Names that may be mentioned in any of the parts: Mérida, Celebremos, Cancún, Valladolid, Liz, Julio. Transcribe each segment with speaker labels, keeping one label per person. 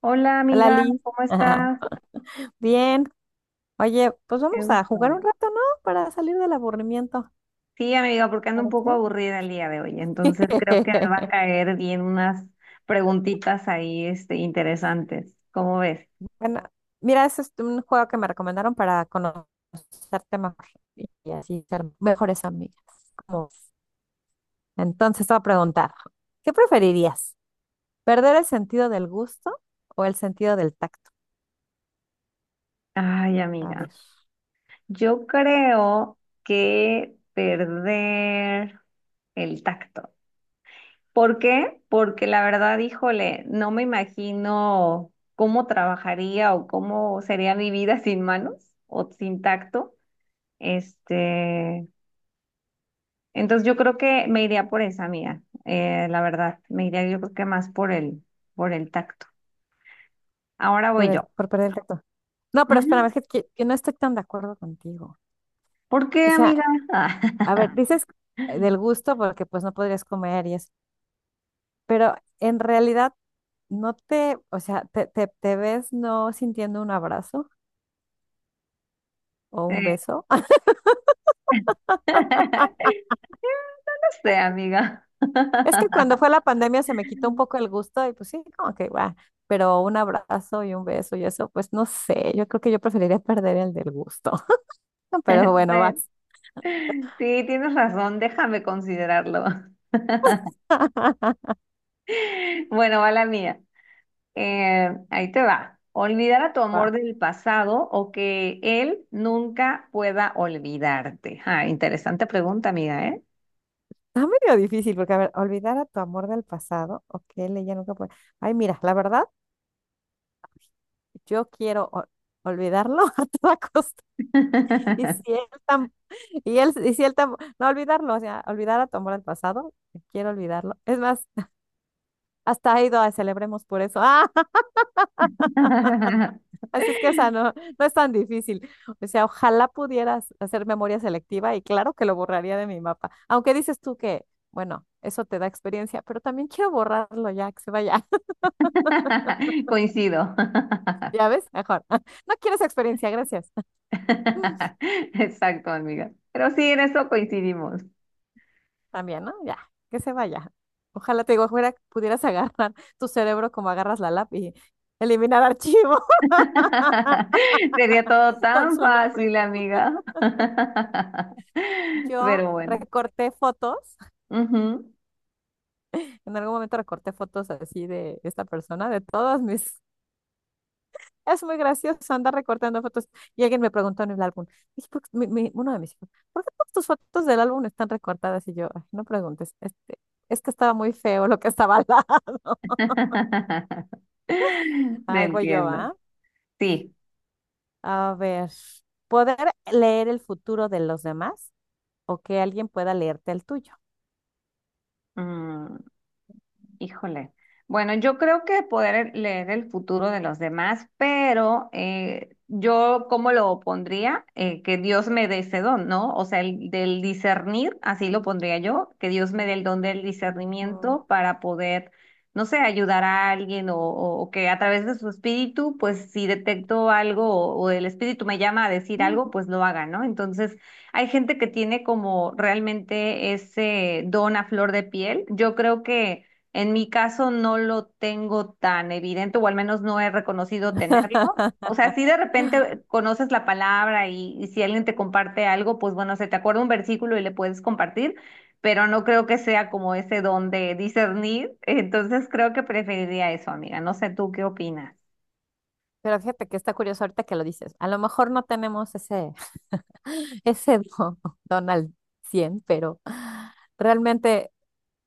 Speaker 1: Hola
Speaker 2: Hola
Speaker 1: amiga,
Speaker 2: Liz.
Speaker 1: ¿cómo
Speaker 2: Ajá.
Speaker 1: estás?
Speaker 2: Bien. Oye, pues
Speaker 1: Qué
Speaker 2: vamos a jugar un
Speaker 1: gusto.
Speaker 2: rato, ¿no? Para salir del aburrimiento.
Speaker 1: Sí, amiga, porque ando un
Speaker 2: ¿Parece?
Speaker 1: poco aburrida el día de hoy, entonces creo que me va a caer bien unas preguntitas ahí, interesantes. ¿Cómo ves?
Speaker 2: Bueno, mira, ese es un juego que me recomendaron para conocerte mejor y así ser mejores amigas. Como- Entonces te voy a preguntar, ¿qué preferirías? ¿Perder el sentido del gusto o el sentido del tacto?
Speaker 1: Ay,
Speaker 2: A
Speaker 1: amiga,
Speaker 2: ver,
Speaker 1: yo creo que perder el tacto. ¿Por qué? Porque la verdad, híjole, no me imagino cómo trabajaría o cómo sería mi vida sin manos o sin tacto. Este, Entonces yo creo que me iría por esa mía, la verdad, me iría yo creo que más por por el tacto. Ahora voy yo.
Speaker 2: por perder el tacto. No, pero
Speaker 1: Ujú.
Speaker 2: espérame, es que, que no estoy tan de acuerdo contigo.
Speaker 1: ¿Por qué,
Speaker 2: O sea,
Speaker 1: amiga? Ah,
Speaker 2: a ver, dices del gusto porque pues no podrías comer y eso, pero en realidad no te, o sea, te ves no sintiendo un abrazo o un
Speaker 1: eh,
Speaker 2: beso.
Speaker 1: No sé, amiga.
Speaker 2: Es que cuando fue la pandemia se me quitó un poco el gusto y pues sí, como que va, pero un abrazo y un beso y eso, pues no sé, yo creo que yo preferiría perder el del gusto. No, pero bueno,
Speaker 1: Bueno,
Speaker 2: vas,
Speaker 1: sí, tienes razón, déjame considerarlo. Bueno, va la mía. Ahí te va. Olvidar a tu
Speaker 2: va.
Speaker 1: amor del pasado o que él nunca pueda olvidarte. Ah, interesante pregunta, amiga, ¿eh?
Speaker 2: Está medio difícil porque, a ver, olvidar a tu amor del pasado, ok, le ya nunca puede. Ay, mira, la verdad, yo quiero ol- olvidarlo a toda costa. Y si él, tam- y él, y si él tam- no olvidarlo, o sea, olvidar a tu amor el pasado, quiero olvidarlo. Es más, hasta ha ido a celebremos por eso. Ah, así es que, o sea, no, no es tan difícil. O sea, ojalá pudieras hacer memoria selectiva y claro que lo borraría de mi mapa. Aunque dices tú que, bueno, eso te da experiencia, pero también quiero borrarlo ya, que se vaya.
Speaker 1: Coincido.
Speaker 2: ¿Ya ves? Mejor. No quiero esa experiencia, gracias.
Speaker 1: Exacto, amiga. Pero sí, en eso coincidimos.
Speaker 2: También, ¿no? Ya, que se vaya. Ojalá te digo, fuera, pudieras agarrar tu cerebro como agarras la lápiz y eliminar archivo
Speaker 1: Sería todo
Speaker 2: con
Speaker 1: tan
Speaker 2: su nombre.
Speaker 1: fácil, amiga.
Speaker 2: Yo
Speaker 1: Pero bueno.
Speaker 2: recorté fotos,
Speaker 1: Ujú.
Speaker 2: en algún momento recorté fotos así de esta persona, de todos mis... Es muy gracioso andar recortando fotos. Y alguien me preguntó en el álbum, dije, "¿Por qué uno de mis hijos, ¿por qué todas tus fotos del álbum están recortadas?". Y yo, "Ay, no preguntes, este, es que estaba muy feo lo que estaba al lado".
Speaker 1: Te
Speaker 2: Ay, voy yo,
Speaker 1: entiendo.
Speaker 2: ¿ah?
Speaker 1: Sí.
Speaker 2: A ver, ¿poder leer el futuro de los demás o que alguien pueda leerte el tuyo?
Speaker 1: Mm, híjole. Bueno, yo creo que poder leer el futuro de los demás, pero yo, ¿cómo lo pondría? Que Dios me dé ese don, ¿no? O sea, el del discernir, así lo pondría yo, que Dios me dé el don del
Speaker 2: Ujú.
Speaker 1: discernimiento para poder, no sé, ayudar a alguien o que a través de su espíritu, pues si detecto algo o el espíritu me llama a decir
Speaker 2: Mm.
Speaker 1: algo, pues lo haga, ¿no? Entonces, hay gente que tiene como realmente ese don a flor de piel. Yo creo que... En mi caso no lo tengo tan evidente, o al menos no he reconocido tenerlo. O sea, si de repente conoces la palabra y si alguien te comparte algo, pues bueno, se te acuerda un versículo y le puedes compartir, pero no creo que sea como ese don de discernir. Entonces creo que preferiría eso, amiga. No sé tú qué opinas.
Speaker 2: Pero fíjate que está curioso ahorita que lo dices. A lo mejor no tenemos ese don, don al 100 pero realmente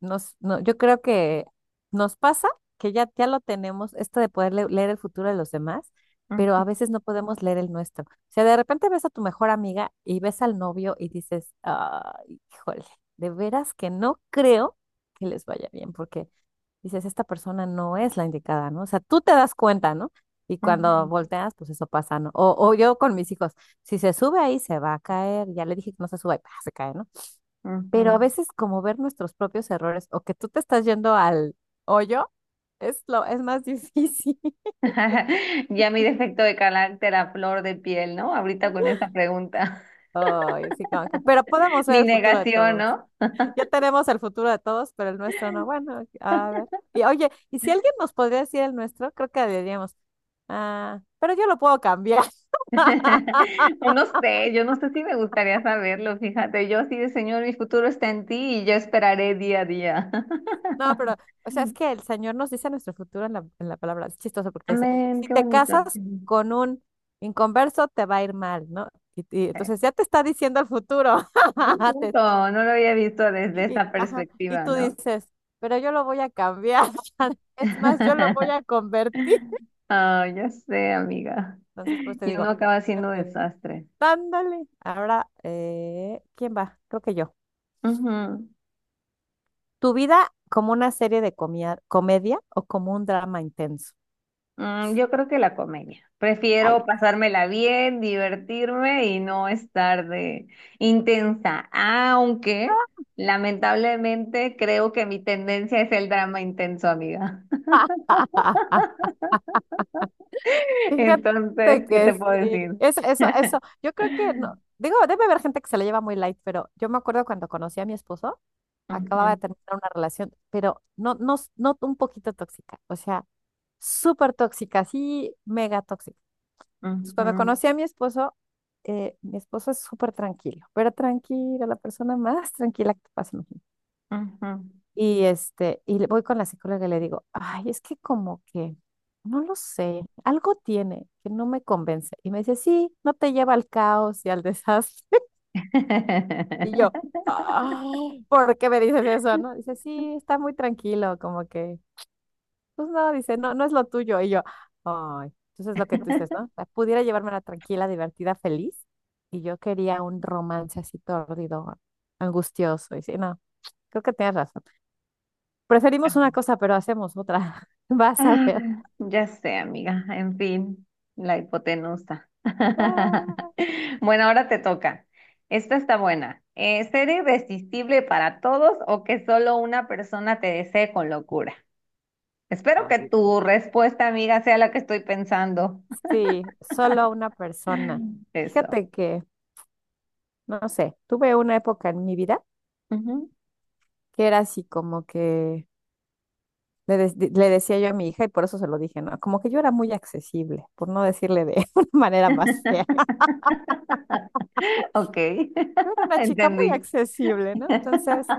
Speaker 2: nos, no, yo creo que nos pasa que ya lo tenemos, esto de poder leer el futuro de los demás, pero a
Speaker 1: Ujú,
Speaker 2: veces no podemos leer el nuestro. O sea, de repente ves a tu mejor amiga y ves al novio y dices, ay, híjole, de veras que no creo que les vaya bien, porque dices, esta persona no es la indicada, ¿no? O sea, tú te das cuenta, ¿no? Y cuando volteas, pues eso pasa, ¿no? O yo con mis hijos, si se sube ahí, se va a caer. Ya le dije que no se suba y pa, se cae, ¿no?
Speaker 1: ujú,
Speaker 2: Pero
Speaker 1: ujú.
Speaker 2: a veces como ver nuestros propios errores o que tú te estás yendo al hoyo es más difícil.
Speaker 1: Ya mi defecto de carácter a flor de piel, ¿no? Ahorita con esta pregunta.
Speaker 2: Ay, sí, como que, pero podemos ver
Speaker 1: Mi
Speaker 2: el futuro de
Speaker 1: negación,
Speaker 2: todos.
Speaker 1: ¿no?
Speaker 2: Ya tenemos el futuro de todos, pero el nuestro no. Bueno, a ver. Y oye, y si alguien nos podría decir el nuestro, creo que diríamos, ah, pero yo lo puedo cambiar.
Speaker 1: O no sé, yo no sé si me gustaría saberlo, fíjate, yo sí de Señor, mi futuro está en ti y yo esperaré día a día.
Speaker 2: No, pero, o sea, es que el Señor nos dice nuestro futuro en la palabra. Es chistoso porque dice,
Speaker 1: Amén,
Speaker 2: si
Speaker 1: qué
Speaker 2: te
Speaker 1: bonito.
Speaker 2: casas
Speaker 1: Sí.
Speaker 2: con un inconverso, te va a ir mal, ¿no? Y entonces ya te está diciendo el futuro.
Speaker 1: Muy
Speaker 2: Te-
Speaker 1: bonito, no lo había visto desde
Speaker 2: y,
Speaker 1: esa
Speaker 2: ajá, y
Speaker 1: perspectiva,
Speaker 2: tú
Speaker 1: ¿no?
Speaker 2: dices, pero yo lo voy a cambiar. Es más, yo lo voy a convertir.
Speaker 1: Ah, ya sé, amiga.
Speaker 2: Entonces, pues te
Speaker 1: Y
Speaker 2: digo,
Speaker 1: uno acaba siendo
Speaker 2: fíjate,
Speaker 1: desastre.
Speaker 2: dándole. Ahora, ¿quién va? Creo que yo.
Speaker 1: Ujú.
Speaker 2: ¿Tu vida como una serie de comedia o como un drama intenso?
Speaker 1: Mm, yo creo que la comedia. Prefiero
Speaker 2: Ay,
Speaker 1: pasármela bien, divertirme y no estar de intensa. Aunque, lamentablemente, creo que mi tendencia es el drama intenso, amiga.
Speaker 2: fíjate
Speaker 1: Entonces, ¿qué te
Speaker 2: que
Speaker 1: puedo
Speaker 2: sí,
Speaker 1: decir?
Speaker 2: eso, yo creo que no, digo, debe haber gente que se la lleva muy light, pero yo me acuerdo cuando conocí a mi esposo, acababa de
Speaker 1: Ujú,
Speaker 2: terminar una relación, pero no un poquito tóxica, o sea, súper tóxica, sí, mega tóxica. Entonces, cuando
Speaker 1: ujú,
Speaker 2: conocí a mi esposo es súper tranquilo, pero tranquilo, la persona más tranquila que te pasa.
Speaker 1: ujú.
Speaker 2: Y este, voy con la psicóloga y le digo, ay, es que como que, no lo sé, algo tiene que no me convence. Y me dice, sí, no te lleva al caos y al desastre. Y yo, ah, ¿por qué me dices eso? No, dice, sí, está muy tranquilo, como que, pues no, dice, no, no es lo tuyo. Y yo, ay, entonces lo que tú dices, ¿no? La pudiera llevármela tranquila, divertida, feliz. Y yo quería un romance así tordido, angustioso. Y sí, no, creo que tienes razón. Preferimos una cosa, pero hacemos otra. Vas a
Speaker 1: Ah,
Speaker 2: ver.
Speaker 1: ya sé, amiga. En fin, la hipotenusa.
Speaker 2: Ah,
Speaker 1: Bueno, ahora te toca. Esta está buena. ¿Ser irresistible para todos o que solo una persona te desee con locura? Espero que
Speaker 2: ay,
Speaker 1: tu respuesta, amiga, sea la que estoy pensando.
Speaker 2: sí, solo una persona.
Speaker 1: Eso.
Speaker 2: Fíjate que, no sé, tuve una época en mi vida
Speaker 1: Ujú.
Speaker 2: que era así como que le decía yo a mi hija y por eso se lo dije, ¿no? Como que yo era muy accesible, por no decirle de una manera más fea.
Speaker 1: Ok,
Speaker 2: Yo era una chica muy
Speaker 1: entendí.
Speaker 2: accesible, ¿no? Entonces,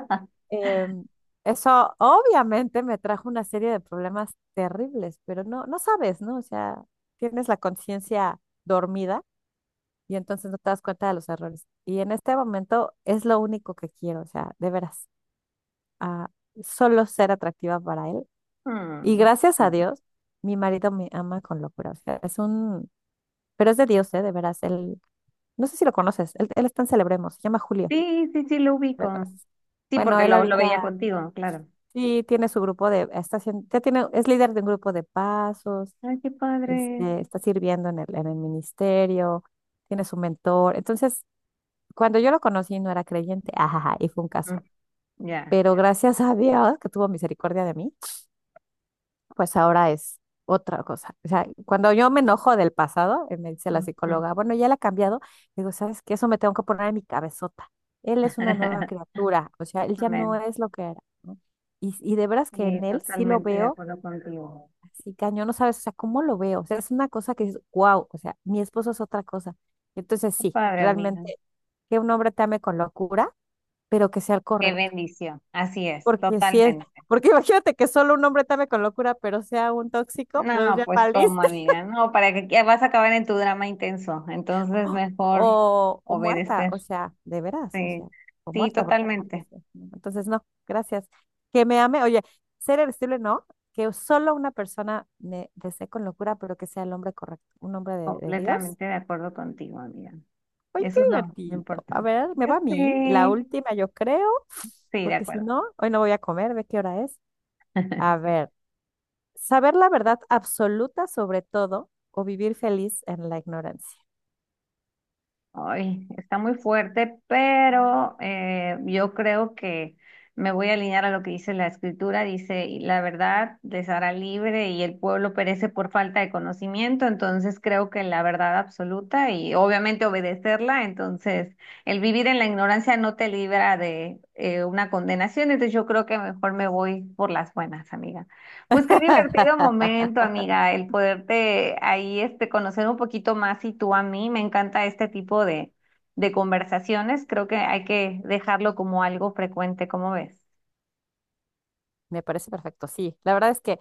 Speaker 2: em, eso obviamente me trajo una serie de problemas terribles, pero no, no sabes, ¿no? O sea, tienes la conciencia dormida y entonces no te das cuenta de los errores. Y en este momento es lo único que quiero, o sea, de veras, ah, solo ser atractiva para él. Y
Speaker 1: Hmm.
Speaker 2: gracias a Dios, mi marido me ama con locura, o sea, es un, pero es de Dios, ¿eh? De veras, él, no sé si lo conoces, él está en Celebremos, se llama Julio.
Speaker 1: Sí, sí, sí, lo
Speaker 2: Lo
Speaker 1: ubico.
Speaker 2: conoces.
Speaker 1: Sí,
Speaker 2: Bueno,
Speaker 1: porque
Speaker 2: él
Speaker 1: lo veía
Speaker 2: ahorita
Speaker 1: contigo, claro.
Speaker 2: sí tiene su grupo de, está haciendo, ya tiene, es líder de un grupo de pasos,
Speaker 1: Ay, qué padre.
Speaker 2: este, está sirviendo en el ministerio, tiene su mentor. Entonces, cuando yo lo conocí no era creyente, ajaja, y fue un caso.
Speaker 1: Mm, ya.
Speaker 2: Pero gracias a Dios que tuvo misericordia de mí, pues ahora es otra cosa. O sea, cuando yo me enojo del pasado, me dice la
Speaker 1: Ujú.
Speaker 2: psicóloga, bueno, ya la ha cambiado, digo, ¿sabes qué? Eso me tengo que poner en mi cabezota. Él es una nueva criatura, o sea, él ya no
Speaker 1: Amén.
Speaker 2: es lo que era, ¿no? Y de veras que
Speaker 1: Sí,
Speaker 2: en él sí lo
Speaker 1: totalmente de
Speaker 2: veo
Speaker 1: acuerdo contigo.
Speaker 2: así cañón, no sabes, o sea, ¿cómo lo veo? O sea, es una cosa que es wow, o sea, mi esposo es otra cosa. Entonces
Speaker 1: Qué
Speaker 2: sí,
Speaker 1: padre, amiga.
Speaker 2: realmente, que un hombre te ame con locura, pero que sea el
Speaker 1: Qué
Speaker 2: correcto,
Speaker 1: bendición. Así es,
Speaker 2: porque si es...
Speaker 1: totalmente.
Speaker 2: Porque imagínate que solo un hombre te ame con locura, pero sea un tóxico, pues
Speaker 1: No,
Speaker 2: ya
Speaker 1: pues como
Speaker 2: valiste.
Speaker 1: amiga, no, para que vas a acabar en tu drama intenso. Entonces, mejor
Speaker 2: O muerta,
Speaker 1: obedecer.
Speaker 2: o sea, de veras, o
Speaker 1: Sí,
Speaker 2: sea, o
Speaker 1: sí,
Speaker 2: muerta, porque antes,
Speaker 1: totalmente,
Speaker 2: no. Entonces no, gracias. Que me ame, oye, ser irresistible no, que solo una persona me desee con locura, pero que sea el hombre correcto, un hombre de Dios.
Speaker 1: completamente de acuerdo contigo, amiga.
Speaker 2: Oye, qué
Speaker 1: Eso es lo
Speaker 2: divertido. A
Speaker 1: importante.
Speaker 2: ver, me
Speaker 1: Yo
Speaker 2: va a mí, la
Speaker 1: sé.
Speaker 2: última yo creo,
Speaker 1: Sí, de
Speaker 2: porque si
Speaker 1: acuerdo.
Speaker 2: no, hoy no voy a comer, ve qué hora es. A ver, saber la verdad absoluta sobre todo o vivir feliz en la ignorancia.
Speaker 1: Ay, está muy fuerte, pero yo creo que me voy a alinear a lo que dice la escritura. Dice, "Y la verdad les hará libre y el pueblo perece por falta de conocimiento". Entonces creo que la verdad absoluta y obviamente obedecerla. Entonces, el vivir en la ignorancia no te libra de una condenación. Entonces yo creo que mejor me voy por las buenas, amiga. Pues qué divertido momento, amiga, el poderte ahí conocer un poquito más y tú a mí. Me encanta este tipo de conversaciones. Creo que hay que dejarlo como algo frecuente, ¿cómo ves?
Speaker 2: Me parece perfecto, sí. La verdad es que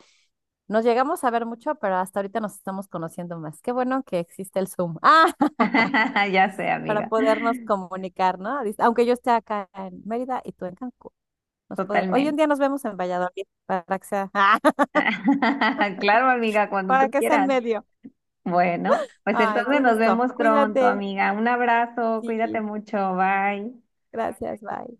Speaker 2: nos llegamos a ver mucho, pero hasta ahorita nos estamos conociendo más. Qué bueno que existe el Zoom. Ah,
Speaker 1: Ya sé,
Speaker 2: para
Speaker 1: amiga,
Speaker 2: podernos comunicar, ¿no? Dice, aunque yo esté acá en Mérida y tú en Cancún. Hoy un
Speaker 1: totalmente.
Speaker 2: día nos vemos en Valladolid para que sea,
Speaker 1: Claro, amiga, cuando
Speaker 2: para
Speaker 1: tú
Speaker 2: que sea en
Speaker 1: quieras.
Speaker 2: medio.
Speaker 1: Bueno, pues
Speaker 2: Ay,
Speaker 1: entonces
Speaker 2: qué
Speaker 1: nos
Speaker 2: gusto.
Speaker 1: vemos pronto,
Speaker 2: Cuídate.
Speaker 1: amiga. Un abrazo, cuídate
Speaker 2: Sí,
Speaker 1: mucho, bye.
Speaker 2: gracias, bye.